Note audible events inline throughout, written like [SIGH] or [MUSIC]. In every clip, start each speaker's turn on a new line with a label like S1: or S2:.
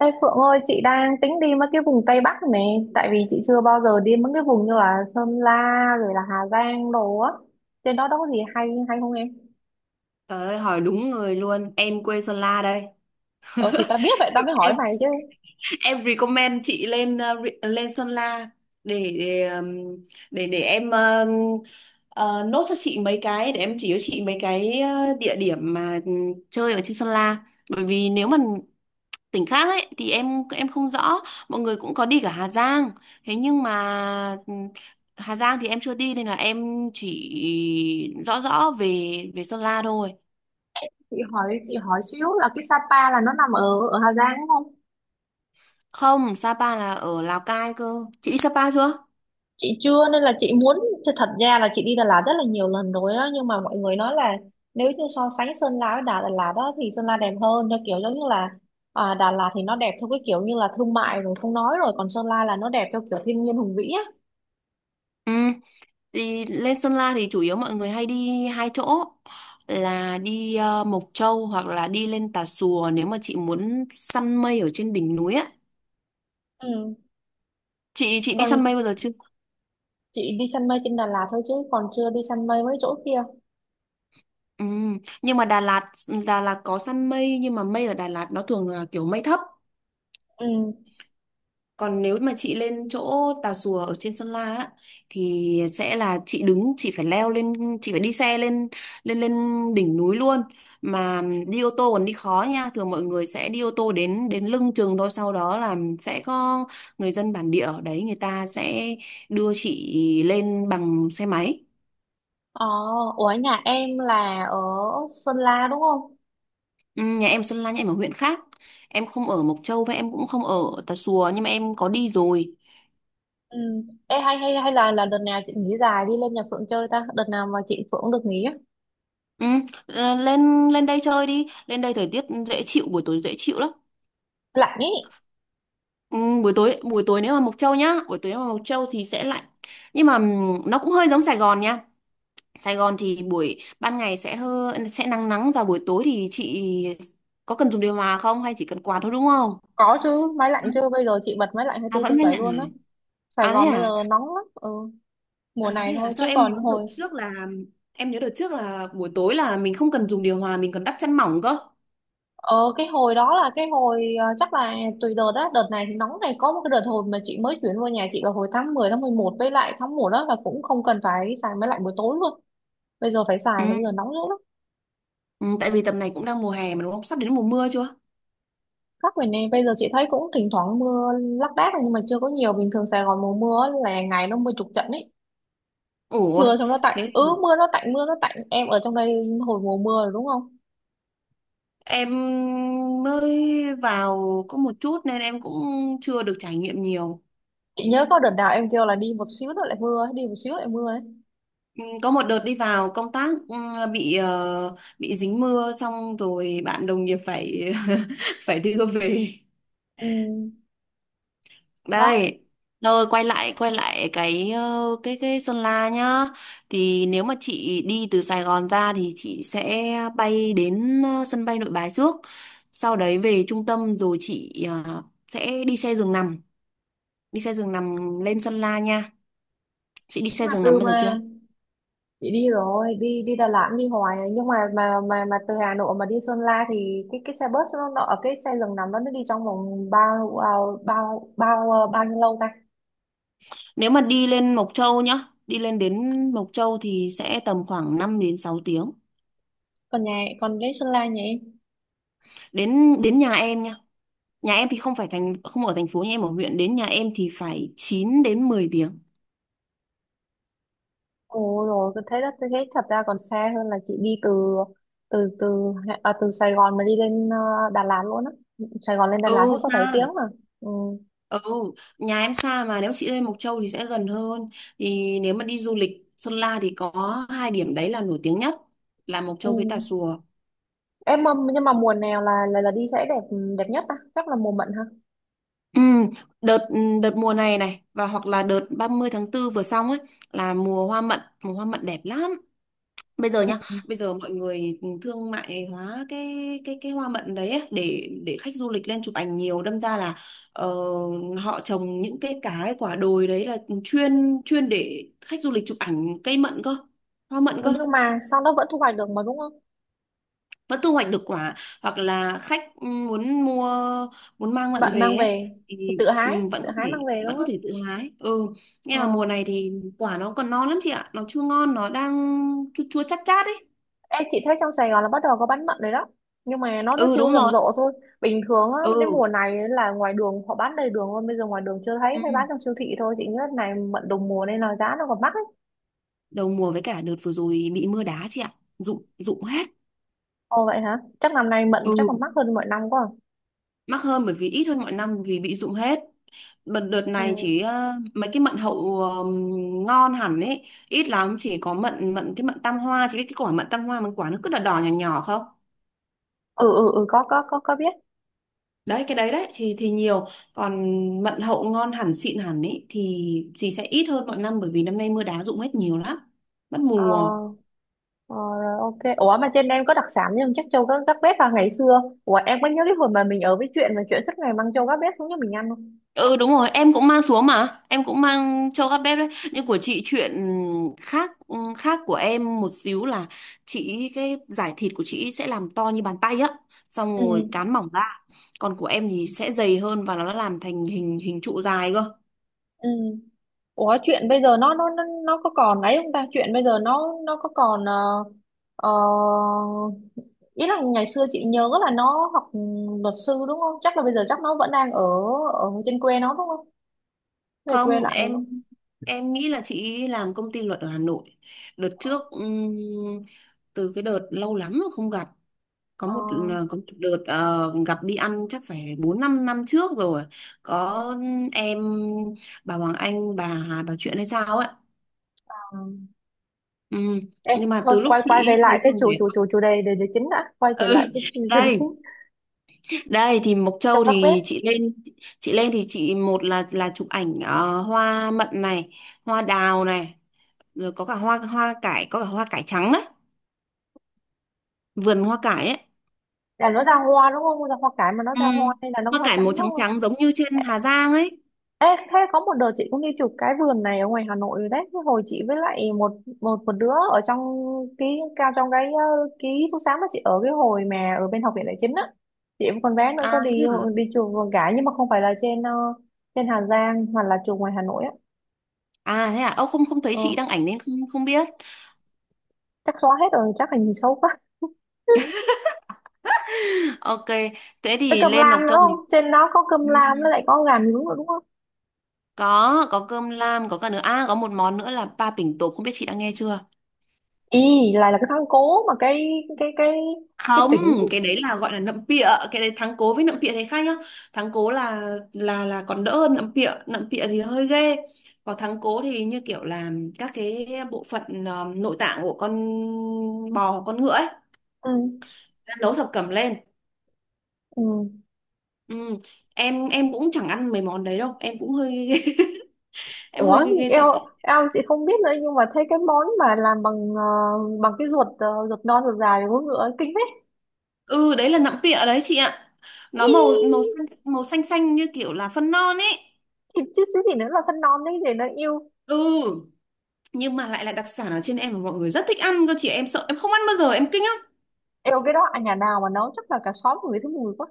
S1: Ê Phượng ơi, chị đang tính đi mấy cái vùng Tây Bắc này, tại vì chị chưa bao giờ đi mấy cái vùng như là Sơn La rồi là Hà Giang đồ á. Trên đó đâu có gì hay hay không em?
S2: Trời ơi, hỏi đúng người luôn. Em quê Sơn La đây.
S1: Ờ thì tao biết vậy tao mới hỏi
S2: Em
S1: mày chứ.
S2: em recommend chị lên lên Sơn La để để ừm, để em ờ, ờ, nốt cho chị mấy cái để em chỉ cho chị mấy cái địa điểm mà chơi ở trên Sơn La. Bởi vì nếu mà tỉnh khác ấy thì em không rõ. Mọi người cũng có đi cả Hà Giang. Thế nhưng mà Hà Giang thì em chưa đi nên là em chỉ rõ rõ về về Sơn La thôi.
S1: Chị hỏi xíu là cái Sapa là nó nằm ở ở Hà Giang đúng không?
S2: Không, Sapa là ở Lào Cai cơ. Chị đi Sapa chưa?
S1: Chị chưa nên là chị muốn thật thật ra là chị đi Đà Lạt rất là nhiều lần rồi á, nhưng mà mọi người nói là nếu như so sánh Sơn La với Đà Đà Lạt đó thì Sơn La đẹp hơn, theo kiểu giống như là à, Đà Lạt thì nó đẹp theo cái kiểu như là thương mại rồi không nói rồi, còn Sơn La là nó đẹp theo kiểu thiên nhiên hùng vĩ á.
S2: Ừ, thì lên Sơn La thì chủ yếu mọi người hay đi hai chỗ là đi Mộc Châu hoặc là đi lên Tà Xùa nếu mà chị muốn săn mây ở trên đỉnh núi á.
S1: Ừ.
S2: Chị đi
S1: Còn
S2: săn mây bao giờ chưa?
S1: chị đi săn mây trên Đà Lạt thôi chứ còn chưa đi săn mây mấy chỗ kia.
S2: Ừ, nhưng mà Đà Lạt có săn mây nhưng mà mây ở Đà Lạt nó thường là kiểu mây thấp.
S1: Ừ.
S2: Còn nếu mà chị lên chỗ Tà Xùa ở trên Sơn La á, thì sẽ là chị đứng, chị phải leo lên, chị phải đi xe lên lên lên đỉnh núi luôn. Mà đi ô tô còn đi khó nha, thường mọi người sẽ đi ô tô đến đến lưng chừng thôi, sau đó là sẽ có người dân bản địa ở đấy, người ta sẽ đưa chị lên bằng xe máy.
S1: Ờ, ủa nhà em là ở Sơn La đúng không?
S2: Ừ, nhà em Sơn La, nhà em ở huyện khác. Em không ở Mộc Châu và em cũng không ở Tà Xùa nhưng mà em có đi rồi.
S1: Ừ. Ê, hay hay hay là đợt nào chị nghỉ dài đi lên nhà Phượng chơi ta? Đợt nào mà chị Phượng được nghỉ á?
S2: Ừ, lên lên đây chơi đi, lên đây thời tiết dễ chịu, buổi tối dễ chịu lắm.
S1: Lạnh ý.
S2: Ừ, buổi tối nếu mà Mộc Châu nhá, buổi tối nếu mà Mộc Châu thì sẽ lạnh. Nhưng mà nó cũng hơi giống Sài Gòn nha. Sài Gòn thì buổi ban ngày sẽ nắng nắng và buổi tối thì chị có cần dùng điều hòa không hay chỉ cần quạt thôi đúng không?
S1: Có chứ, máy lạnh chứ. Bây giờ chị bật máy lạnh
S2: À vẫn mát
S1: 24 trên bảy
S2: lạnh à?
S1: luôn á. Sài
S2: À thế
S1: Gòn bây
S2: à?
S1: giờ nóng lắm. Ừ. Mùa
S2: À
S1: này
S2: thế à?
S1: thôi
S2: Sao
S1: chứ
S2: em nhớ
S1: còn
S2: đợt
S1: hồi
S2: trước là buổi tối là mình không cần dùng điều hòa, mình còn đắp chăn mỏng cơ.
S1: ờ cái hồi đó là cái hồi chắc là tùy đợt đó. Đợt này thì nóng này, có một cái đợt hồi mà chị mới chuyển vào nhà chị là hồi tháng 10 tháng 11 với lại tháng 1 đó là cũng không cần phải xài máy lạnh buổi tối luôn, bây giờ phải xài rồi, bây giờ nóng dữ lắm.
S2: Ừ, tại vì tầm này cũng đang mùa hè mà đúng không? Sắp đến mùa mưa chưa?
S1: Các miền này bây giờ chị thấy cũng thỉnh thoảng mưa lác đác nhưng mà chưa có nhiều. Bình thường Sài Gòn mùa mưa á là ngày nó mưa chục trận ấy, mưa
S2: Ủa,
S1: xong nó tạnh,
S2: thế
S1: ừ mưa nó tạnh, mưa nó tạnh. Em ở trong đây hồi mùa mưa rồi đúng không?
S2: em mới vào có một chút nên em cũng chưa được trải nghiệm nhiều.
S1: Chị nhớ có đợt nào em kêu là đi một xíu nữa lại mưa ấy, đi một xíu lại mưa ấy.
S2: Ừ, có một đợt đi vào công tác bị dính mưa xong rồi bạn đồng nghiệp phải [LAUGHS] phải đưa về.
S1: Ừ, đó.
S2: Đây, rồi quay lại cái ờ, cái Sơn La nhá. Thì nếu mà chị đi từ Sài Gòn ra thì chị sẽ bay đến sân bay Nội Bài trước. Sau đấy về trung tâm rồi chị sẽ đi xe giường nằm lên Sơn La nha. Chị đi
S1: Thế
S2: xe
S1: mà
S2: giường nằm
S1: từ
S2: bao giờ chưa?
S1: mà chị đi rồi đi đi Đà Lạt đi hoài rồi, nhưng mà từ Hà Nội mà đi Sơn La thì cái xe bus nó ở cái xe giường nằm đó, nó đi trong vòng bao bao bao bao à, bao nhiêu lâu ta?
S2: Nếu mà đi lên Mộc Châu nhá, đi lên đến Mộc Châu thì sẽ tầm khoảng 5 đến 6 tiếng.
S1: Còn nhà, còn đến Sơn La nhỉ?
S2: Đến đến nhà em nha. Nhà em thì không phải không ở thành phố, nhà em ở huyện, đến nhà em thì phải 9 đến 10 tiếng.
S1: Ồ rồi, tôi thấy đó, tôi thấy thật ra còn xa hơn là chị đi từ từ từ từ Sài Gòn mà đi lên Đà Lạt luôn á. Sài Gòn lên Đà
S2: Ừ,
S1: Lạt hết có 7
S2: xa.
S1: tiếng mà. Ừ.
S2: Ừ, nhà em xa mà nếu chị lên Mộc Châu thì sẽ gần hơn. Thì nếu mà đi du lịch Sơn La thì có hai điểm đấy là nổi tiếng nhất là Mộc
S1: Ừ.
S2: Châu với Tà Xùa.
S1: Nhưng mà mùa nào là đi sẽ đẹp, đẹp nhất ta? Chắc là mùa mận ha.
S2: Ừ, đợt đợt mùa này này và hoặc là đợt ba mươi tháng 4 vừa xong ấy là mùa hoa mận. Mùa hoa mận đẹp lắm. Bây giờ nhá, bây giờ mọi người thương mại hóa cái hoa mận đấy ấy, để khách du lịch lên chụp ảnh nhiều đâm ra là ờ, họ trồng những cái quả đồi đấy là chuyên chuyên để khách du lịch chụp ảnh cây mận cơ, hoa mận
S1: Ừ,
S2: cơ.
S1: nhưng mà sau đó vẫn thu hoạch được mà đúng không?
S2: Vẫn thu hoạch được quả, hoặc là khách muốn mua, muốn mang mận
S1: Bạn mang
S2: về ấy,
S1: về thì
S2: thì
S1: tự hái
S2: vẫn
S1: tự
S2: có
S1: hái
S2: thể
S1: mang về đúng
S2: vẫn có
S1: không?
S2: thể tự hái. Ừ. Nghe
S1: Ờ.
S2: là mùa này thì quả nó còn non lắm chị ạ, nó chưa ngon, nó đang chua chua chát chát ấy.
S1: Em, chị thấy trong Sài Gòn là bắt đầu có bán mận rồi đó, nhưng mà nó
S2: Ừ,
S1: chưa
S2: đúng
S1: rầm
S2: rồi.
S1: rộ thôi. Bình thường á
S2: Ừ.
S1: đến mùa này là ngoài đường họ bán đầy đường luôn, bây giờ ngoài đường chưa thấy,
S2: Ừ.
S1: mới bán trong siêu thị thôi. Chị nghĩ này mận đồng mùa nên là giá nó còn mắc ấy.
S2: Đầu mùa với cả đợt vừa rồi bị mưa đá chị ạ, rụng rụng hết.
S1: Ồ vậy hả? Chắc năm nay mận
S2: Ừ,
S1: chắc còn mắc hơn mọi năm quá à?
S2: mắc hơn bởi vì ít hơn mọi năm vì bị rụng hết. Đợt đợt
S1: Ừ.
S2: này chỉ mấy cái mận hậu ngon hẳn ấy ít lắm. Chỉ có mận mận cái mận tam hoa, chị biết cái quả mận tam hoa mình quả nó cứ đỏ đỏ nhỏ nhỏ không?
S1: Ừ có có biết.
S2: Đấy cái đấy đấy thì nhiều. Còn mận hậu ngon hẳn xịn hẳn ấy thì sẽ ít hơn mọi năm bởi vì năm nay mưa đá rụng hết nhiều lắm, mất
S1: ờ,
S2: mùa.
S1: ờ Rồi ok, ủa mà trên em có đặc sản nhưng chắc châu các bếp vào ngày xưa, ủa em có nhớ cái hồi mà mình ở với chuyện mà chuyện suốt ngày mang châu các bếp xuống cho mình ăn không?
S2: Ừ, đúng rồi, em cũng mang xuống mà, em cũng mang cho các bếp đấy. Nhưng của chị chuyện khác khác của em một xíu là chị, cái giải thịt của chị sẽ làm to như bàn tay á, xong
S1: Ừ.
S2: rồi cán mỏng ra. Còn của em thì sẽ dày hơn và nó làm thành hình hình trụ dài cơ.
S1: Ừ. Ủa chuyện bây giờ nó có còn ấy không ta? Chuyện bây giờ nó có còn ờ, ý là ngày xưa chị nhớ là nó học luật sư đúng không? Chắc là bây giờ chắc nó vẫn đang ở ở trên quê nó đúng không? Về quê
S2: Không,
S1: lại đúng không?
S2: em nghĩ là chị làm công ty luật ở Hà Nội. Đợt trước từ cái đợt lâu lắm rồi không gặp, có
S1: Ờ,
S2: một có một đợt gặp đi ăn chắc phải 4-5 năm trước rồi, có em bà Hoàng Anh bà hà bà chuyện hay sao ấy.
S1: ờ. ờ.
S2: Ừ.
S1: Ê,
S2: Nhưng mà
S1: thôi
S2: từ lúc
S1: quay quay
S2: chị
S1: về
S2: ấy
S1: lại
S2: lấy
S1: cái
S2: chồng
S1: chủ
S2: để.
S1: chủ chủ chủ đề đề chính đã, quay trở lại
S2: Ừ.
S1: cái chủ đề
S2: đây
S1: chính
S2: đây thì Mộc
S1: cho
S2: Châu
S1: các bếp.
S2: thì chị lên thì chị, một là chụp ảnh hoa mận này, hoa đào này, rồi có cả hoa hoa cải, có cả hoa cải trắng đấy, vườn hoa cải ấy.
S1: Là nó ra hoa đúng không? Ra hoa cải mà nó
S2: Ừ.
S1: ra hoa hay là nó
S2: Hoa
S1: hoa
S2: cải màu
S1: trắng
S2: trắng
S1: đúng?
S2: trắng giống như trên Hà Giang ấy.
S1: Ê, thế có một đợt chị cũng đi chụp cái vườn này ở ngoài Hà Nội rồi đấy. Cái hồi chị với lại một một một đứa ở trong ký cao, trong cái ký túc xá mà chị ở cái hồi mà ở bên học viện đại chính á. Chị với con bé nữa
S2: À
S1: có
S2: thế
S1: đi
S2: hả?
S1: đi chụp vườn cả, nhưng mà không phải là trên trên Hà Giang, hoặc là chụp ngoài Hà Nội á.
S2: À thế à? Ơ, không không thấy
S1: Ờ,
S2: chị đăng ảnh nên không không biết.
S1: chắc xóa hết rồi, chắc hình xấu quá. [LAUGHS]
S2: [LAUGHS] Ok, thế
S1: Với
S2: thì
S1: cơm
S2: lên
S1: lam
S2: nộp
S1: nữa
S2: trong
S1: không?
S2: lịch.
S1: Trên đó có cơm
S2: Ừ.
S1: lam với lại có gà nướng nữa đúng không?
S2: Có cơm lam, có cả nữa. À có một món nữa là ba pỉnh tộp, không biết chị đã nghe chưa?
S1: Ý, lại là cái thang cố mà cái cái cái
S2: Không,
S1: tỉnh.
S2: cái đấy là gọi là nậm pịa, cái đấy thắng cố với nậm pịa thấy khác nhá. Thắng cố là còn đỡ hơn nậm pịa thì hơi ghê. Còn thắng cố thì như kiểu là các cái bộ phận nội tạng của con bò, con ngựa ấy,
S1: Ừ.
S2: nấu thập cẩm lên.
S1: Ừ.
S2: Ừ. Em cũng chẳng ăn mấy món đấy đâu, em cũng hơi [LAUGHS] em
S1: Ủa,
S2: hơi ghê ghê sợ.
S1: eo eo, chị không biết nữa nhưng mà thấy cái món mà làm bằng bằng cái ruột ruột non ruột dài của ngựa ấy, kinh đấy.
S2: Ừ, đấy là nọng pịa đấy chị ạ,
S1: Ý,
S2: nó màu màu xanh, màu xanh xanh như kiểu là phân non ấy.
S1: thịt chứ chứ gì nữa là phân non đấy để nó yêu.
S2: Ừ, nhưng mà lại là đặc sản ở trên em mà mọi người rất thích ăn cơ chị. Em sợ, em không ăn bao giờ, em kinh lắm.
S1: Yêu cái đó à, nhà nào mà nấu chắc là cả xóm người thấy mùi quá.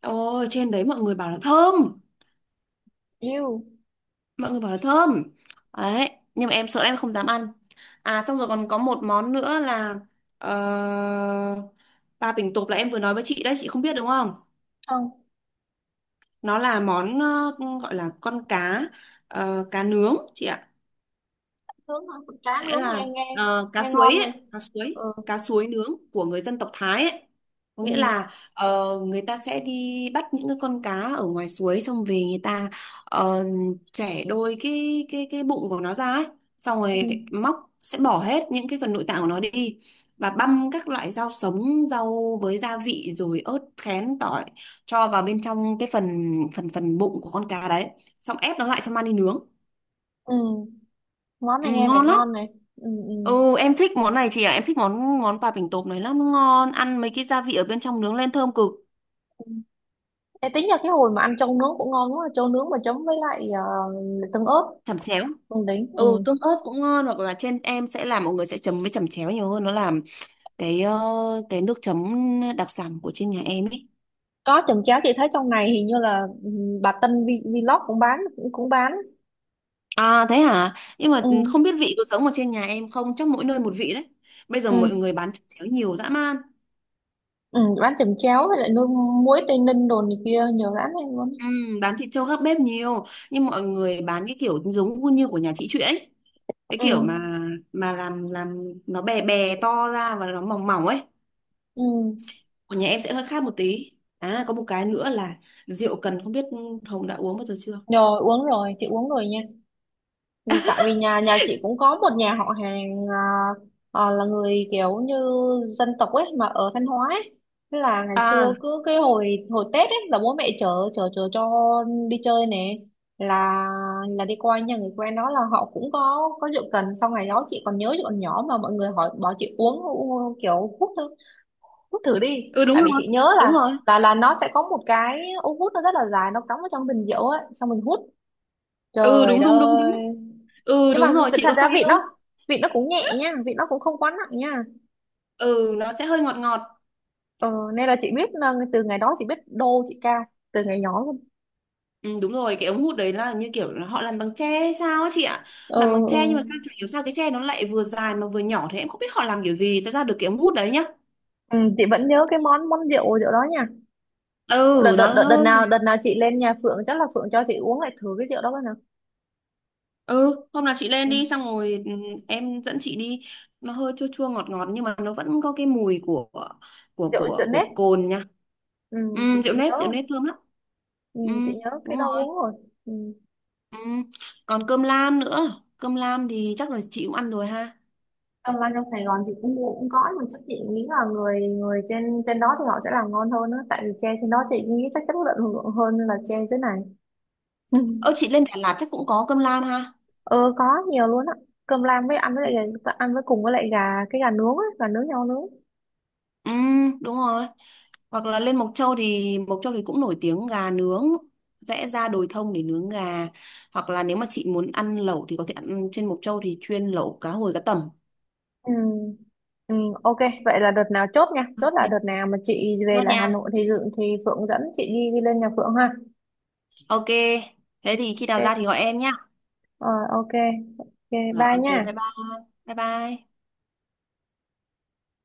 S2: Ôi, trên đấy mọi người bảo là thơm.
S1: Yêu.
S2: Mọi người bảo là thơm đấy. Nhưng mà em sợ, em không dám ăn. À, xong rồi
S1: Ừ.
S2: còn có một món nữa là ờ, ba bình tộp là em vừa nói với chị đấy, chị không biết đúng không?
S1: Không,
S2: Nó là món gọi là con cá, cá nướng chị ạ.
S1: nướng thôi, cá
S2: Sẽ
S1: nướng nghe
S2: là
S1: nghe
S2: cá
S1: nghe
S2: suối
S1: ngon
S2: ấy,
S1: này.
S2: cá suối.
S1: Ừ.
S2: Cá suối nướng của người dân tộc Thái ấy. Có nghĩa
S1: Ừ.
S2: là người ta sẽ đi bắt những cái con cá ở ngoài suối, xong về người ta ờ, chẻ đôi cái bụng của nó ra ấy, xong
S1: Ừ.
S2: rồi móc sẽ bỏ hết những cái phần nội tạng của nó đi, và băm các loại rau sống, rau với gia vị rồi ớt khén tỏi cho vào bên trong cái phần phần phần bụng của con cá đấy, xong ép nó lại cho mang đi nướng.
S1: Ừ. Món
S2: Ừ,
S1: này nghe vẻ
S2: ngon lắm.
S1: ngon này. Ừ ừ.
S2: Ừ, em thích món này chị ạ. Em thích món món bà bình tộp này lắm. Nó ngon. Ăn mấy cái gia vị ở bên trong nướng lên thơm cực.
S1: Ê, tính ra cái hồi mà ăn trâu nướng cũng ngon quá, trâu nướng mà chấm với lại tương ớt.
S2: Chẩm xéo.
S1: Không đính. Ừ.
S2: Ừ, tôm ớt cũng ngon. Hoặc là trên em sẽ làm, mọi người sẽ chấm với chẩm chéo nhiều hơn. Nó làm cái ờ, cái nước chấm đặc sản của trên nhà em ấy.
S1: Có chồng chéo, chị thấy trong này hình như là ừ, bà Vlog cũng bán, cũng bán.
S2: À thế hả? Nhưng mà
S1: ừ,
S2: không biết vị có giống ở trên nhà em không? Chắc mỗi nơi một vị đấy. Bây giờ
S1: ừ,
S2: mọi người bán chẩm chéo nhiều dã man.
S1: ừ, bán chồng chéo với lại nuôi muối Tây Ninh đồ này kia nhiều lắm em luôn.
S2: Ừ, bán thịt trâu gác bếp nhiều. Nhưng mọi người bán cái kiểu giống như của nhà chị Chuyện ấy. Cái kiểu
S1: ừ,
S2: mà làm nó bè bè to ra và nó mỏng mỏng ấy.
S1: ừ.
S2: Còn nhà em sẽ hơi khác một tí. À có một cái nữa là rượu cần, không biết Hồng đã uống bao giờ chưa?
S1: Rồi uống rồi, chị uống rồi nha, tại vì nhà nhà chị cũng có một nhà họ hàng à, à, là người kiểu như dân tộc ấy mà ở Thanh Hóa ấy. Thế là ngày xưa
S2: À,
S1: cứ cái hồi hồi Tết ấy là bố mẹ chở chở chở cho đi chơi nè, là là đi qua nhà người quen đó là họ cũng có rượu cần. Sau ngày đó chị còn nhớ, chị còn nhỏ mà mọi người hỏi bảo chị kiểu hút thử đi,
S2: ừ, đúng
S1: tại
S2: rồi,
S1: vì chị nhớ
S2: đúng
S1: là
S2: rồi.
S1: nó sẽ có một cái ống hút nó rất là dài, nó cắm vào trong bình rượu ấy xong mình hút.
S2: Ừ,
S1: Trời
S2: đúng
S1: đất
S2: đúng đúng đúng.
S1: ơi,
S2: Ừ,
S1: nhưng
S2: đúng
S1: mà
S2: rồi, chị
S1: thật
S2: có say
S1: ra vịt
S2: không?
S1: nó, vịt nó cũng nhẹ nha, vịt nó cũng không quá nặng nha.
S2: Ừ, nó sẽ hơi ngọt ngọt.
S1: Ờ, nên là chị biết là từ ngày đó chị biết đô chị ca từ ngày nhỏ luôn.
S2: Ừ, đúng rồi, cái ống hút đấy là như kiểu là họ làm bằng tre hay sao á chị ạ.
S1: ờ,
S2: Làm bằng tre nhưng mà sao chả hiểu sao cái tre nó lại vừa dài mà vừa nhỏ thế, em không biết họ làm kiểu gì nó ra được cái ống hút đấy nhá.
S1: ờ. Ừ, chị vẫn nhớ cái món món rượu rượu đó nha.
S2: Ừ, nó.
S1: Đợt nào chị lên nhà Phượng chắc là Phượng cho chị uống lại thử cái rượu đó coi nào.
S2: Ừ, hôm nào chị lên đi
S1: Ừ.
S2: xong rồi em dẫn chị đi. Nó hơi chua chua ngọt ngọt nhưng mà nó vẫn có cái mùi của của
S1: rượu Rượu
S2: của của
S1: nếp.
S2: cồn nha.
S1: Ừ, chị
S2: Ừ,
S1: chị nhớ
S2: rượu
S1: rồi.
S2: nếp thơm lắm.
S1: Ừ,
S2: Ừ,
S1: chị nhớ
S2: đúng
S1: cái đó
S2: rồi.
S1: uống rồi. Ừ.
S2: Ừ. Còn cơm lam nữa. Cơm lam thì chắc là chị cũng ăn rồi ha.
S1: Trong lan trong Sài Gòn chị cũng có, nhưng chắc chị nghĩ là người người trên trên đó thì họ sẽ làm ngon hơn á, tại vì tre trên đó chị nghĩ chắc chất lượng hơn là tre dưới này.
S2: Ơ
S1: [LAUGHS]
S2: chị lên Đà Lạt chắc cũng có cơm lam ha.
S1: Ờ có, nhiều luôn á. Cơm lam với ăn với lại ăn với cùng với lại gà, cái gà nướng á, gà nướng nhau nướng.
S2: Ừ, đúng rồi. Hoặc là lên Mộc Châu thì cũng nổi tiếng gà nướng. Rẽ ra đồi thông để nướng gà. Hoặc là nếu mà chị muốn ăn lẩu thì có thể ăn trên Mộc Châu thì chuyên lẩu cá hồi cá tầm.
S1: Ừ. Ừ, ok, vậy là đợt nào chốt nha. Chốt là đợt
S2: Ok,
S1: nào mà chị về
S2: nốt
S1: lại Hà
S2: nha.
S1: Nội thì dự thì Phượng dẫn chị đi đi lên nhà Phượng ha.
S2: Ok. Thế thì khi nào ra
S1: Ok.
S2: thì gọi em nhá.
S1: Ờ ok. Ok,
S2: Rồi,
S1: bye
S2: ok, bye
S1: nha.
S2: bye. Bye bye.